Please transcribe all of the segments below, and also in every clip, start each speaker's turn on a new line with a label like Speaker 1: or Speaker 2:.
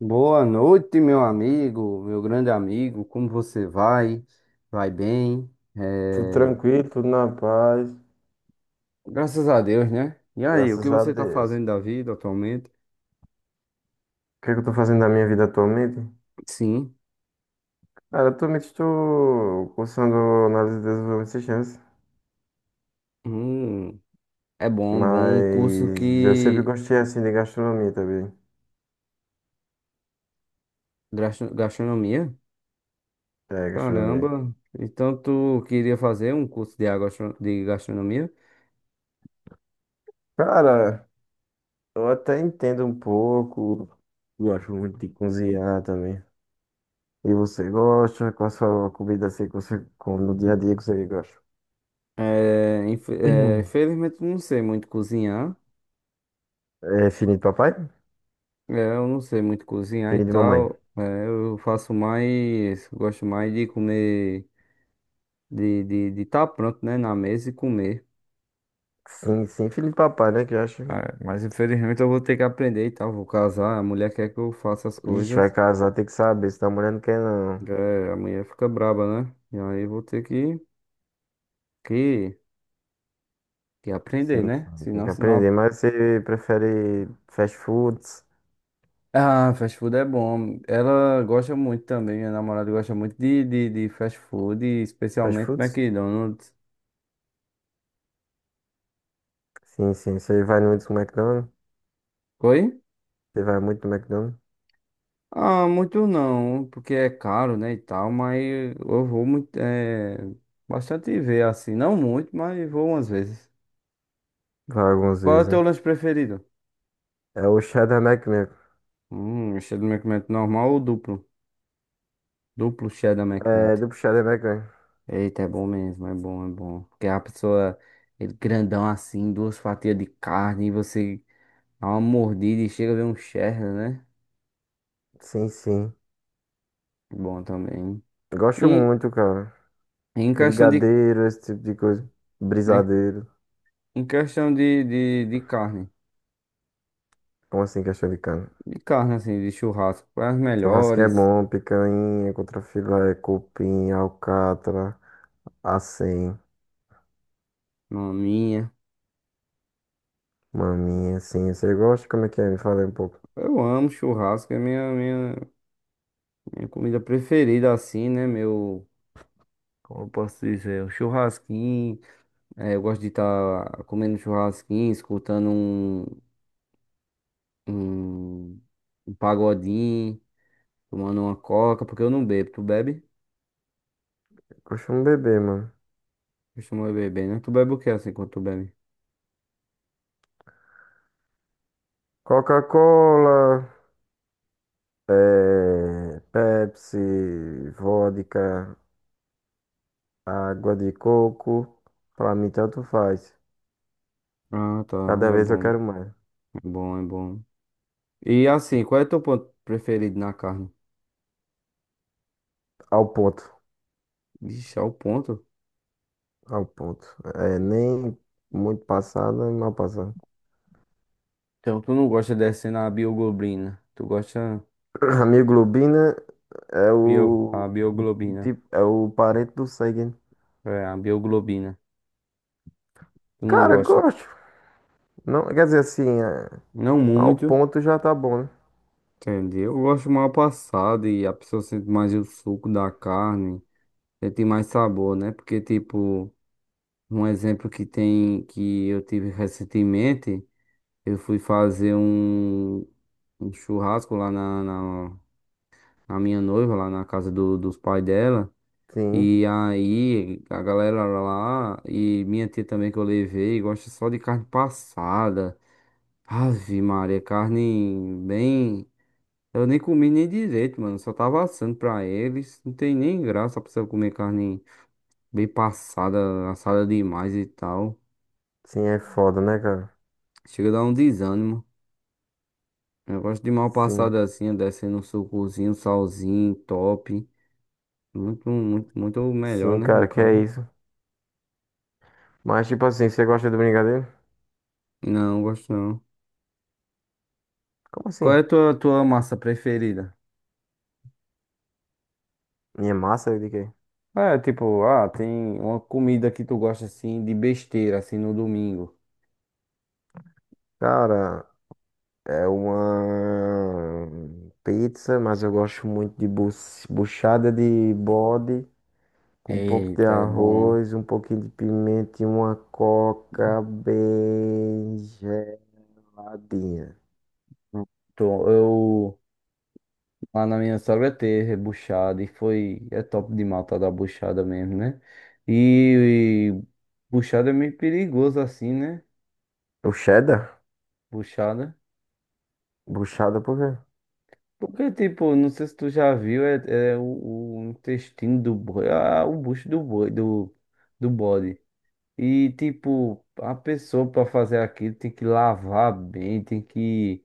Speaker 1: Boa noite, meu amigo, meu grande amigo. Como você vai? Vai bem? É,
Speaker 2: Tudo tranquilo, tudo na paz,
Speaker 1: graças a Deus, né? E aí, o que
Speaker 2: graças a
Speaker 1: você tá
Speaker 2: Deus. O
Speaker 1: fazendo da vida atualmente?
Speaker 2: que é que eu tô fazendo da minha vida atualmente?
Speaker 1: Sim.
Speaker 2: Cara, atualmente estou cursando análise de desenvolvimento de sistemas,
Speaker 1: Hum, é bom, bom. Um curso
Speaker 2: mas eu sempre
Speaker 1: que.
Speaker 2: gostei assim de gastronomia também.
Speaker 1: Gastronomia?
Speaker 2: É, gastronomia.
Speaker 1: Caramba. Então, tu queria fazer um curso de de gastronomia?
Speaker 2: Cara, eu até entendo um pouco, gosto muito de cozinhar também. E você gosta? Qual a sua comida assim que você come no dia a dia que você gosta?
Speaker 1: É, infelizmente, não sei muito cozinhar.
Speaker 2: É filhinho de papai?
Speaker 1: É, eu não sei muito cozinhar e
Speaker 2: Filhinho de mamãe?
Speaker 1: tal. É, eu faço mais, gosto mais de comer, de estar pronto, né, na mesa e comer.
Speaker 2: Sim, sim, filho de papai, né, que eu acho.
Speaker 1: É, mas infelizmente eu vou ter que aprender e tal. Vou casar, a mulher quer que eu faça as
Speaker 2: Ixi, vai
Speaker 1: coisas.
Speaker 2: casar, tem que saber se tá mulher não quer não.
Speaker 1: É, a mulher fica braba, né? E aí eu vou ter que que
Speaker 2: Sim,
Speaker 1: aprender, né?
Speaker 2: sim, tem que
Speaker 1: Senão,
Speaker 2: aprender.
Speaker 1: senão.
Speaker 2: Mas você prefere fast foods?
Speaker 1: Ah, fast food é bom. Ela gosta muito também, minha namorada gosta muito de fast food,
Speaker 2: Fast
Speaker 1: especialmente
Speaker 2: foods?
Speaker 1: McDonald's.
Speaker 2: Sim, sim. Você vai muito no McDonald's?
Speaker 1: Oi?
Speaker 2: Você vai muito no McDonald's?
Speaker 1: Ah, muito não, porque é caro, né, e tal, mas eu vou muito, é, bastante ver, assim, não muito, mas vou umas vezes.
Speaker 2: Vai algumas
Speaker 1: Qual é o
Speaker 2: vezes,
Speaker 1: teu
Speaker 2: né?
Speaker 1: lanche preferido?
Speaker 2: É o Shadow Mac mesmo.
Speaker 1: Cheddar McMelt normal ou duplo? Duplo cheddar
Speaker 2: É,
Speaker 1: McMelt.
Speaker 2: do Shadow Mac mesmo.
Speaker 1: Eita, é bom mesmo, é bom, é bom. Porque a pessoa, ele grandão assim, duas fatias de carne, e você dá uma mordida e chega a ver um cheddar, né?
Speaker 2: Sim, sim.
Speaker 1: Bom também.
Speaker 2: Gosto
Speaker 1: E
Speaker 2: muito, cara.
Speaker 1: em questão de,
Speaker 2: Brigadeiro, esse tipo de coisa. Brisadeiro.
Speaker 1: em questão de, de carne.
Speaker 2: Como assim, questão de cana?
Speaker 1: De carne, assim, de churrasco. As
Speaker 2: Churrasquinho é
Speaker 1: melhores,
Speaker 2: bom, picanha, contrafilé, cupim, alcatra, assim.
Speaker 1: na minha.
Speaker 2: Maminha, assim, você gosta? Como é que é? Me fala aí um pouco.
Speaker 1: Eu amo churrasco, é minha comida preferida, assim, né? Meu. Como eu posso dizer? O churrasquinho. É, eu gosto de estar comendo churrasquinho, escutando um, um pagodinho, tomando uma coca, porque eu não bebo. Tu bebe?
Speaker 2: Eu costumo beber, mano.
Speaker 1: Costuma beber, né? Tu bebe o que assim quando tu bebe?
Speaker 2: Coca-Cola, Pepsi, vodka, água de coco. Pra mim, tanto faz.
Speaker 1: Ah, tá.
Speaker 2: Cada
Speaker 1: É
Speaker 2: vez eu
Speaker 1: bom.
Speaker 2: quero mais.
Speaker 1: É bom, é bom. E assim, qual é teu ponto preferido na carne?
Speaker 2: Ao ponto,
Speaker 1: Vixe, é o ponto.
Speaker 2: ao ponto. É nem muito passada, nem mal passada.
Speaker 1: Então tu não gosta descendo a bioglobina. Tu gosta
Speaker 2: A mioglobina é
Speaker 1: bio, a
Speaker 2: o
Speaker 1: bioglobina.
Speaker 2: tipo, é o parente do sangue. Né?
Speaker 1: É, a bioglobina. Tu não
Speaker 2: Cara,
Speaker 1: gosta.
Speaker 2: gosto. Não, quer dizer assim, é,
Speaker 1: Não
Speaker 2: ao
Speaker 1: muito,
Speaker 2: ponto já tá bom, né?
Speaker 1: entendeu? Eu gosto mal passado e a pessoa sente mais o suco da carne, sente mais sabor, né? Porque, tipo, um exemplo que tem, que eu tive recentemente, eu fui fazer um, um churrasco lá na minha noiva, lá na casa dos pais dela.
Speaker 2: Sim.
Speaker 1: E aí, a galera lá, e minha tia também que eu levei, gosta só de carne passada. Ave Maria, carne bem. Eu nem comi nem direito, mano. Só tava assando pra eles. Não tem nem graça pra você comer carne bem passada, assada demais e tal.
Speaker 2: Sim, é foda, né, cara?
Speaker 1: Chega a dar um desânimo. Eu gosto de mal
Speaker 2: Sim.
Speaker 1: passada assim, descendo um sucozinho, um salzinho, top. Muito, muito, muito melhor,
Speaker 2: Sim,
Speaker 1: né?
Speaker 2: cara,
Speaker 1: No
Speaker 2: que é
Speaker 1: caso.
Speaker 2: isso. Mas, tipo assim, você gosta do brigadeiro?
Speaker 1: Não, gosto não.
Speaker 2: Como
Speaker 1: Qual
Speaker 2: assim?
Speaker 1: é a tua, tua massa preferida?
Speaker 2: Minha massa de quê?
Speaker 1: É, tipo, ah, tem uma comida que tu gosta assim de besteira, assim no domingo.
Speaker 2: Cara, é uma pizza, mas eu gosto muito de buchada de bode, com um pouco de
Speaker 1: Eita, é bom.
Speaker 2: arroz, um pouquinho de pimenta e uma coca bem geladinha.
Speaker 1: Então, eu lá na minha sogra teve rebuchada e foi. É top de matar da buchada mesmo, né? E buchada é meio perigoso assim, né?
Speaker 2: O cheddar?
Speaker 1: Buchada.
Speaker 2: Buchada por quê?
Speaker 1: Porque, tipo, não sei se tu já viu, é, é o intestino do boi, ah, o bucho do boi, do, do bode. E, tipo, a pessoa para fazer aquilo tem que lavar bem, tem que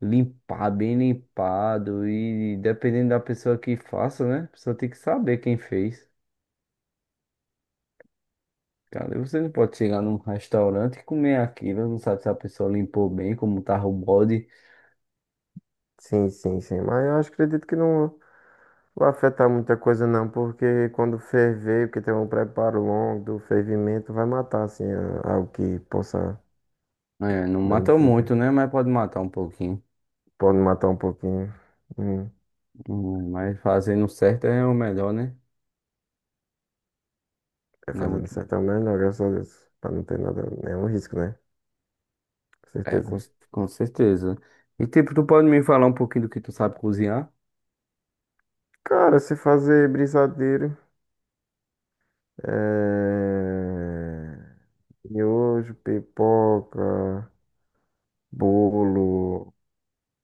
Speaker 1: limpar bem limpado. E dependendo da pessoa que faça, né? A pessoa tem que saber quem fez. Cara, você não pode chegar num restaurante e comer aquilo, não sabe se a pessoa limpou bem, como tava o bode.
Speaker 2: Sim, sim, sim. Mas eu acho, acredito que não. Não afeta muita coisa não, porque quando ferver, porque tem um preparo longo do fervimento, vai matar assim algo que possa
Speaker 1: É, não mata muito,
Speaker 2: danificar.
Speaker 1: né? Mas pode matar um pouquinho.
Speaker 2: Pode matar um pouquinho. Hum.
Speaker 1: Mas fazendo certo é o melhor, né?
Speaker 2: É
Speaker 1: Não é
Speaker 2: fazendo
Speaker 1: muito...
Speaker 2: certo é o melhor, graças a Deus. Pra não ter nada, nenhum risco, né? Com
Speaker 1: É,
Speaker 2: certeza.
Speaker 1: com certeza. E, tipo, tu pode me falar um pouquinho do que tu sabe cozinhar?
Speaker 2: Cara, se fazer brisadeiro, é... miojo, pipoca, bolo,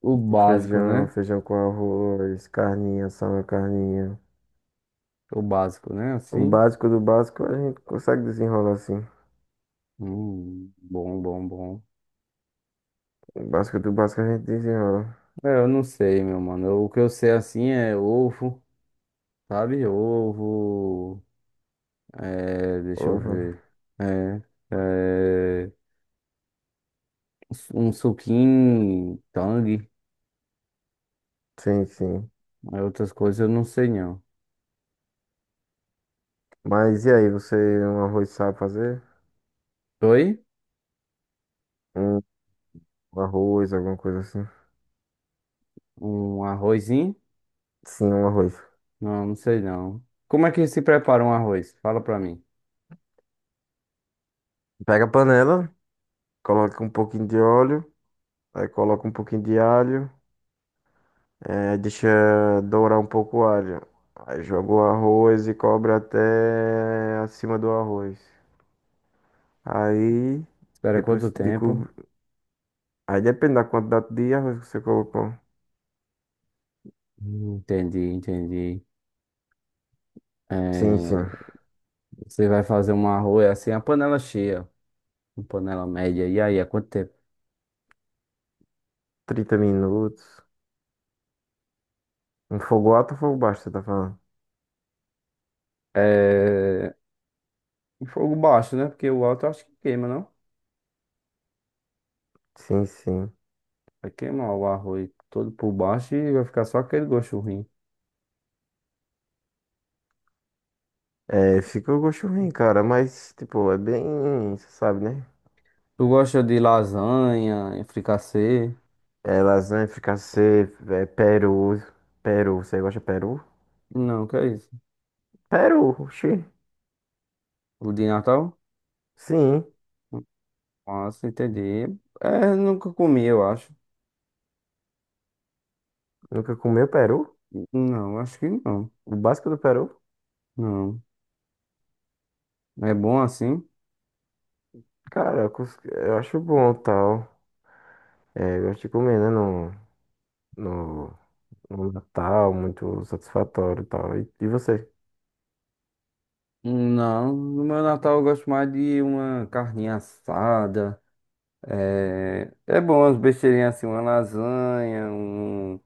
Speaker 1: O básico,
Speaker 2: feijão,
Speaker 1: né?
Speaker 2: feijão com arroz, carninha, só uma carninha.
Speaker 1: O básico, né?
Speaker 2: O
Speaker 1: Assim.
Speaker 2: básico do básico a gente consegue desenrolar assim.
Speaker 1: Bom, bom, bom.
Speaker 2: O básico do básico a gente desenrola.
Speaker 1: É, eu não sei, meu mano. O que eu sei assim é ovo, sabe? Ovo. É, deixa eu
Speaker 2: Ovo.
Speaker 1: ver. É, é, um suquinho, tangue.
Speaker 2: Sim, sim.
Speaker 1: Aí outras coisas eu não sei não.
Speaker 2: Mas e aí, você um arroz sabe fazer?
Speaker 1: Oi?
Speaker 2: Um arroz, alguma coisa assim?
Speaker 1: Um arrozinho?
Speaker 2: Sim, um arroz.
Speaker 1: Não, não sei não. Como é que se prepara um arroz? Fala pra mim.
Speaker 2: Pega a panela, coloca um pouquinho de óleo, aí coloca um pouquinho de alho, deixa dourar um pouco o alho. Aí joga o arroz e cobre até acima do arroz. Aí,
Speaker 1: Espera quanto
Speaker 2: depois de
Speaker 1: tempo?
Speaker 2: cobrir. Aí depende da quantidade de arroz que você colocou.
Speaker 1: Entendi, entendi.
Speaker 2: Sim,
Speaker 1: É,
Speaker 2: sim.
Speaker 1: você vai fazer um arroz é assim, a panela cheia. Um panela média. E aí, há quanto tempo?
Speaker 2: 30 minutos. Um fogo alto ou fogo baixo, você tá falando?
Speaker 1: É... em fogo baixo, né? Porque o alto eu acho que queima, não?
Speaker 2: Sim, sim.
Speaker 1: Vai queimar o arroz todo por baixo e vai ficar só aquele gosto ruim.
Speaker 2: É, fica o gosto ruim, cara, mas, tipo, é bem, você sabe, né?
Speaker 1: Tu gosta de lasanha, e fricassê?
Speaker 2: É lasanha, fricassê, é peru. Peru, você gosta de peru?
Speaker 1: Não, que é isso?
Speaker 2: Peru, oxi.
Speaker 1: O de Natal?
Speaker 2: Sim.
Speaker 1: Nossa, entendi. É, nunca comi, eu acho.
Speaker 2: Nunca comeu peru?
Speaker 1: Não, acho que não.
Speaker 2: O básico do peru?
Speaker 1: Não. É bom assim?
Speaker 2: Cara, eu acho bom, tal. É, eu gosto de comer, né, no, no, no Natal, muito satisfatório, e tal. E você?
Speaker 1: Não, no meu Natal eu gosto mais de uma carninha assada. É, é bom as besteirinhas assim, uma lasanha, um,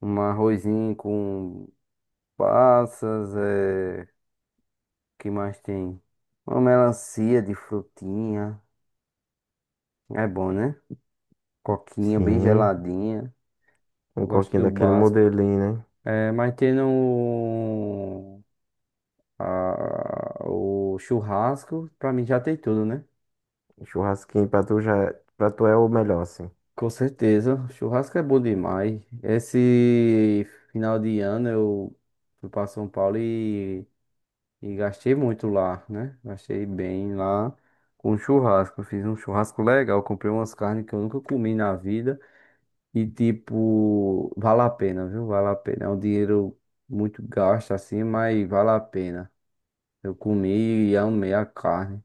Speaker 1: um arrozinho com passas, é, que mais tem? Uma melancia de frutinha, é bom, né? Coquinha bem
Speaker 2: Sim,
Speaker 1: geladinha,
Speaker 2: um
Speaker 1: eu gosto
Speaker 2: coquinho
Speaker 1: do
Speaker 2: daquele
Speaker 1: básico.
Speaker 2: modelinho, né?
Speaker 1: É, mas tendo o, o churrasco, pra mim já tem tudo, né?
Speaker 2: Um churrasquinho pra tu já, pra tu é o melhor, assim.
Speaker 1: Com certeza, churrasco é bom demais. Esse final de ano eu fui pra São Paulo e gastei muito lá, né? Gastei bem lá com churrasco. Eu Fiz um churrasco legal, comprei umas carnes que eu nunca comi na vida. E, tipo, vale a pena, viu? Vale a pena. É um dinheiro muito gasto assim, mas vale a pena. Eu comi e amei a carne.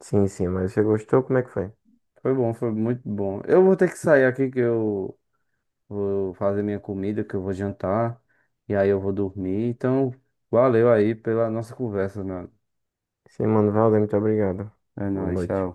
Speaker 2: Sim, sim, mas você gostou? Como é que foi?
Speaker 1: Foi bom, foi muito bom. Eu vou ter que sair aqui que eu vou fazer minha comida, que eu vou jantar. E aí eu vou dormir. Então, valeu aí pela nossa conversa, mano.
Speaker 2: Sim, mano, valeu, muito obrigado.
Speaker 1: É
Speaker 2: Boa
Speaker 1: nóis, tchau.
Speaker 2: noite.